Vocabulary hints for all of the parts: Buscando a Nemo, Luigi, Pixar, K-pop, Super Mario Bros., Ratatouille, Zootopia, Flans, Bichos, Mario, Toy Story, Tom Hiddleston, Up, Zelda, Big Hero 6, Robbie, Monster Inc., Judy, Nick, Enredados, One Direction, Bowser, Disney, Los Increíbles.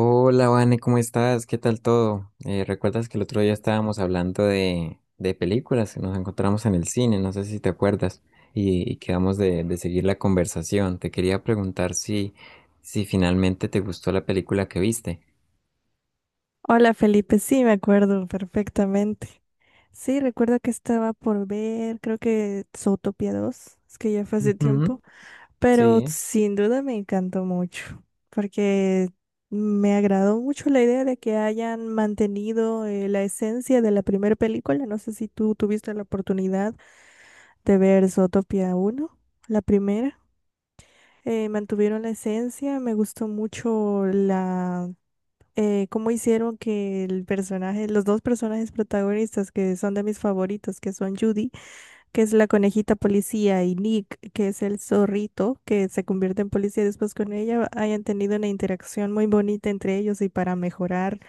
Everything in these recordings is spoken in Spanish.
Hola, Vane, ¿cómo estás? ¿Qué tal todo? ¿Recuerdas que el otro día estábamos hablando de películas? Nos encontramos en el cine, no sé si te acuerdas, y quedamos de seguir la conversación. Te quería preguntar si finalmente te gustó la película que viste. Hola Felipe, sí, me acuerdo perfectamente. Sí, recuerdo que estaba por ver, creo que Zootopia 2, es que ya fue hace Ujú. tiempo, pero Sí, sin duda me encantó mucho, porque me agradó mucho la idea de que hayan mantenido la esencia de la primera película. No sé si tú tuviste la oportunidad de ver Zootopia 1, la primera. Mantuvieron la esencia, me gustó mucho cómo hicieron que el personaje, los dos personajes protagonistas que son de mis favoritos, que son Judy, que es la conejita policía, y Nick, que es el zorrito, que se convierte en policía después con ella, hayan tenido una interacción muy bonita entre ellos y para mejorar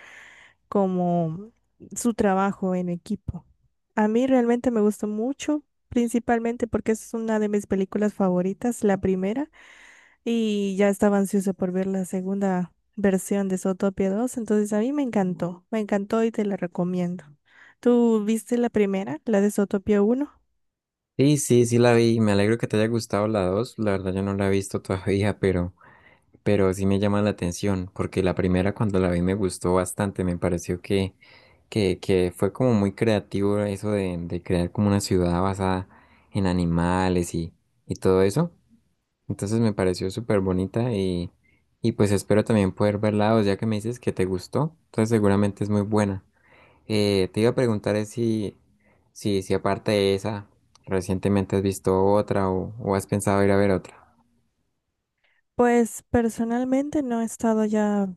como su trabajo en equipo. A mí realmente me gustó mucho, principalmente porque es una de mis películas favoritas, la primera, y ya estaba ansiosa por ver la segunda versión de Zootopia 2. Entonces a mí me encantó y te la recomiendo. ¿Tú viste la primera, la de Zootopia 1? sí, sí la vi. Me alegro que te haya gustado la dos. La verdad, yo no la he visto todavía, pero sí me llama la atención, porque la primera cuando la vi me gustó bastante, me pareció que fue como muy creativo eso de crear como una ciudad basada en animales y todo eso. Entonces me pareció súper bonita y pues espero también poder verla, o ya que me dices que te gustó, entonces seguramente es muy buena. Te iba a preguntar es si aparte de esa, recientemente has visto otra o has pensado ir a ver otra. Pues personalmente no he estado ya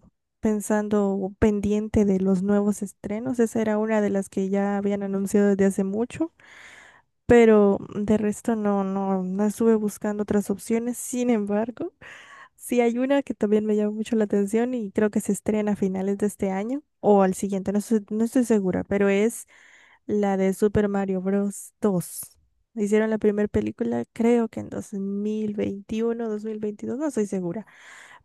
pensando o pendiente de los nuevos estrenos, esa era una de las que ya habían anunciado desde hace mucho, pero de resto no, no, no estuve buscando otras opciones. Sin embargo, sí, hay una que también me llama mucho la atención y creo que se estrena a finales de este año o al siguiente, no estoy, no estoy segura, pero es la de Super Mario Bros. Dos. Hicieron la primera película, creo que en 2021, 2022, no estoy segura.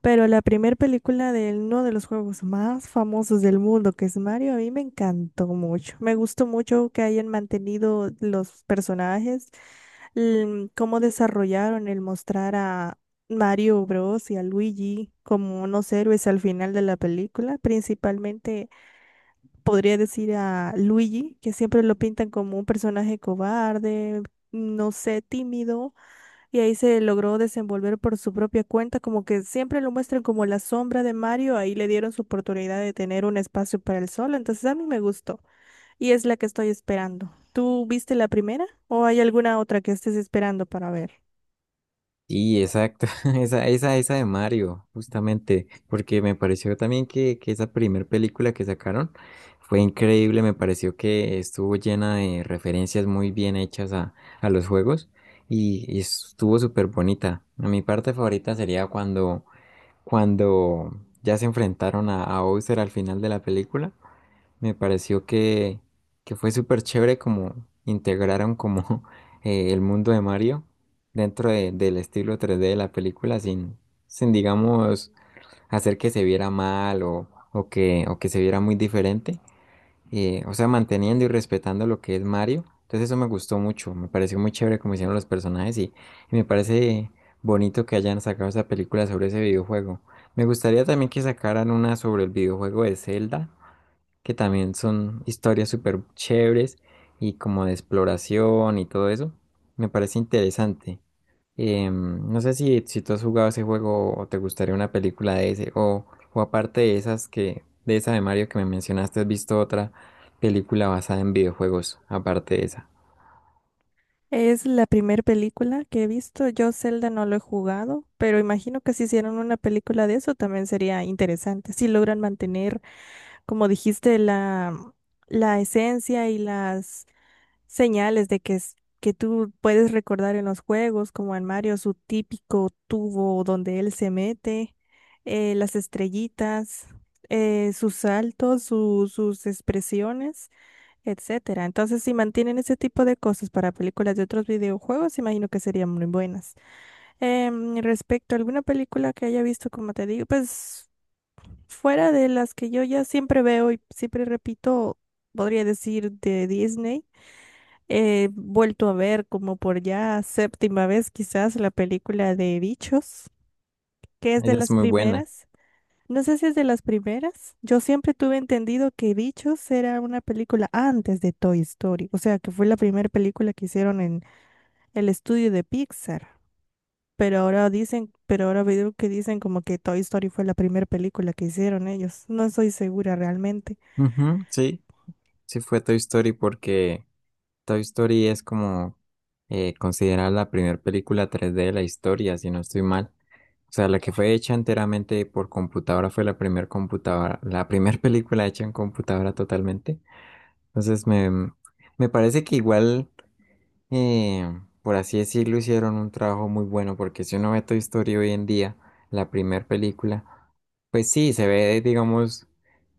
Pero la primera película de uno de los juegos más famosos del mundo, que es Mario, a mí me encantó mucho. Me gustó mucho que hayan mantenido los personajes, cómo desarrollaron el mostrar a Mario Bros. Y a Luigi como unos héroes al final de la película. Principalmente podría decir a Luigi, que siempre lo pintan como un personaje cobarde, no sé, tímido, y ahí se logró desenvolver por su propia cuenta, como que siempre lo muestran como la sombra de Mario, ahí le dieron su oportunidad de tener un espacio para el solo, entonces a mí me gustó y es la que estoy esperando. ¿Tú viste la primera o hay alguna otra que estés esperando para ver? Sí, exacto, esa de Mario, justamente, porque me pareció también que esa primer película que sacaron fue increíble, me pareció que estuvo llena de referencias muy bien hechas a los juegos y estuvo súper bonita. Mi parte favorita sería cuando ya se enfrentaron a Bowser al final de la película me pareció que fue súper chévere como integraron como el mundo de Mario del estilo 3D de la película sin digamos, hacer que se viera mal o o que se viera muy diferente. O sea, manteniendo y respetando lo que es Mario. Entonces eso me gustó mucho, me pareció muy chévere como hicieron los personajes y me parece bonito que hayan sacado esa película sobre ese videojuego. Me gustaría también que sacaran una sobre el videojuego de Zelda que también son historias súper chéveres y como de exploración y todo eso. Me parece interesante. No sé si tú has jugado ese juego o te gustaría una película de ese, o aparte de esas que, de esa de Mario que me mencionaste, ¿has visto otra película basada en videojuegos, aparte de esa? Es la primera película que he visto. Yo Zelda no lo he jugado, pero imagino que si hicieran una película de eso también sería interesante, si logran mantener, como dijiste, la esencia y las señales de que, que tú puedes recordar en los juegos, como en Mario, su típico tubo donde él se mete, las estrellitas, sus saltos, sus expresiones, etcétera. Entonces, si mantienen ese tipo de cosas para películas de otros videojuegos, imagino que serían muy buenas. Respecto a alguna película que haya visto, como te digo, pues fuera de las que yo ya siempre veo y siempre repito, podría decir de Disney. He vuelto a ver como por ya séptima vez quizás la película de Bichos, que es de Esa es las muy buena. primeras. No sé si es de las primeras. Yo siempre tuve entendido que Bichos era una película antes de Toy Story, o sea, que fue la primera película que hicieron en el estudio de Pixar. Pero ahora dicen, pero ahora veo que dicen como que Toy Story fue la primera película que hicieron ellos. No estoy segura realmente. Ujú, sí, sí fue Toy Story porque Toy Story es como considerada la primera película 3D de la historia, si no estoy mal. O sea, la que fue hecha enteramente por computadora fue la primera computadora, la primera película hecha en computadora totalmente. Entonces me parece que igual por así decirlo, hicieron un trabajo muy bueno, porque si uno ve Toy Story hoy en día, la primera película, pues sí, se ve, digamos,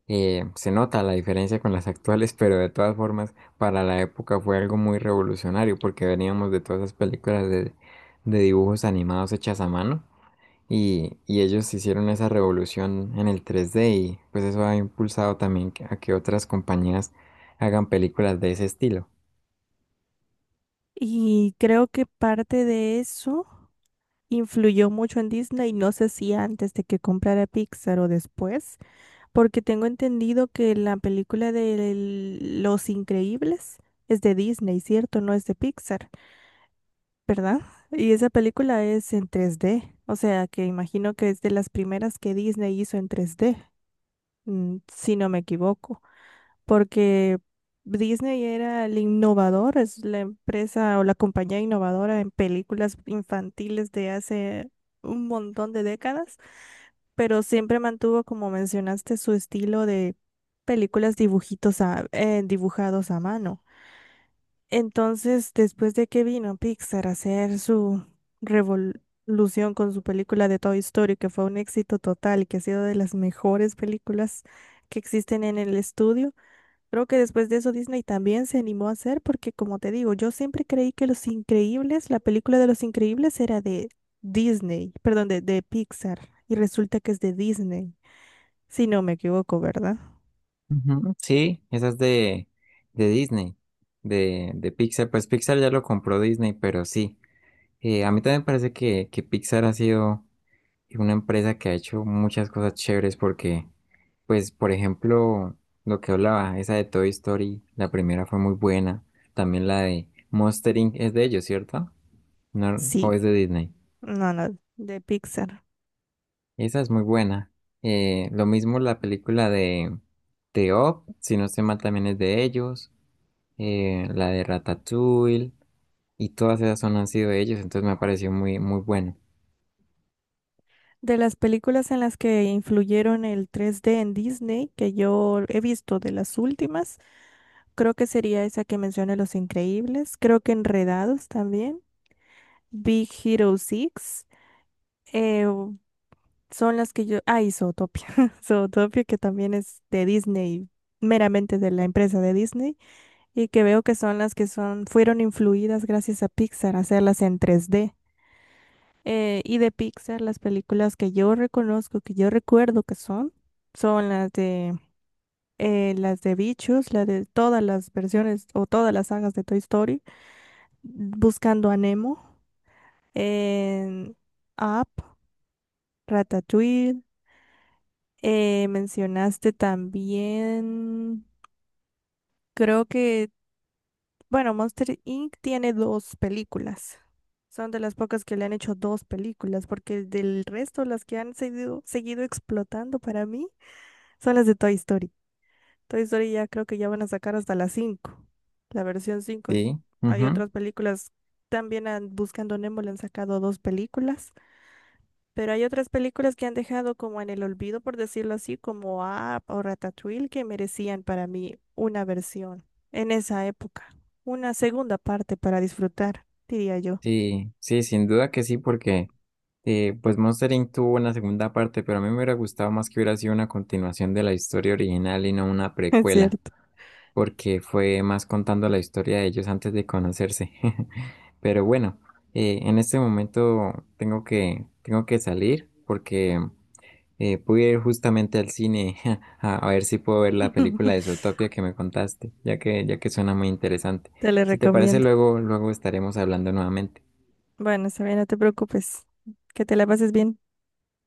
se nota la diferencia con las actuales, pero de todas formas, para la época fue algo muy revolucionario, porque veníamos de todas esas películas de dibujos animados hechas a mano, y ellos hicieron esa revolución en el 3D, y pues eso ha impulsado también a que otras compañías hagan películas de ese estilo. Y creo que parte de eso influyó mucho en Disney, no sé si antes de que comprara Pixar o después, porque tengo entendido que la película de Los Increíbles es de Disney, ¿cierto? No es de Pixar, ¿verdad? Y esa película es en 3D, o sea que imagino que es de las primeras que Disney hizo en 3D, si no me equivoco, porque Disney era el innovador, es la empresa o la compañía innovadora en películas infantiles de hace un montón de décadas, pero siempre mantuvo, como mencionaste, su estilo de películas dibujitos dibujados a mano. Entonces, después de que vino Pixar a hacer su revolución con su película de Toy Story, que fue un éxito total y que ha sido de las mejores películas que existen en el estudio, creo que después de eso Disney también se animó a hacer, porque como te digo, yo siempre creí que Los Increíbles, la película de Los Increíbles era de Disney, perdón, de Pixar, y resulta que es de Disney, si no me equivoco, ¿verdad? Ujú. Sí, esa es de Disney, de Pixar. Pues Pixar ya lo compró Disney, pero sí. A mí también me parece que Pixar ha sido una empresa que ha hecho muchas cosas chéveres porque, pues, por ejemplo, lo que hablaba, esa de Toy Story, la primera fue muy buena. También la de Monster Inc. es de ellos, ¿cierto? No, o Sí, es de Disney. no, no, de Pixar. Esa es muy buena. Lo mismo la película de Up, si no estoy mal, también es de ellos. La de Ratatouille, y todas esas son han sido de ellos, entonces me ha parecido muy bueno. De las películas en las que influyeron el 3D en Disney, que yo he visto de las últimas, creo que sería esa que mencioné, Los Increíbles, creo que Enredados también, Big Hero 6. Son las que yo. Ah, y Zootopia. Zootopia, que también es de Disney, meramente de la empresa de Disney, y que veo que son las que son, fueron influidas gracias a Pixar, hacerlas en 3D. Y de Pixar, las películas que yo reconozco, que yo recuerdo que son, son las de Bichos, la de todas las versiones o todas las sagas de Toy Story, Buscando a Nemo, en Up, Ratatouille. Mencionaste también, creo que, bueno, Monster Inc. tiene dos películas. Son de las pocas que le han hecho dos películas, porque del resto las que han seguido, seguido explotando para mí son las de Toy Story. Toy Story ya creo que ya van a sacar hasta las 5, la versión cinco, y Sí, hay ujú. otras películas, también han- Buscando Nemo le han sacado dos películas. Pero hay otras películas que han dejado como en el olvido, por decirlo así, como Up o Ratatouille, que merecían para mí una versión en esa época, una segunda parte para disfrutar, diría yo. Sí, sí, sin duda que sí, porque pues Monster Inc. tuvo una segunda parte, pero a mí me hubiera gustado más que hubiera sido una continuación de la historia original y no una Es precuela, cierto. porque fue más contando la historia de ellos antes de conocerse. Pero bueno, en este momento tengo que salir porque pude ir justamente al cine a ver si puedo ver la película de Zootopia que me contaste, ya que suena muy interesante. Te la Si te parece, recomiendo. luego, luego estaremos hablando nuevamente. Bueno, Sabina, no te preocupes. Que te la pases bien.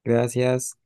Gracias.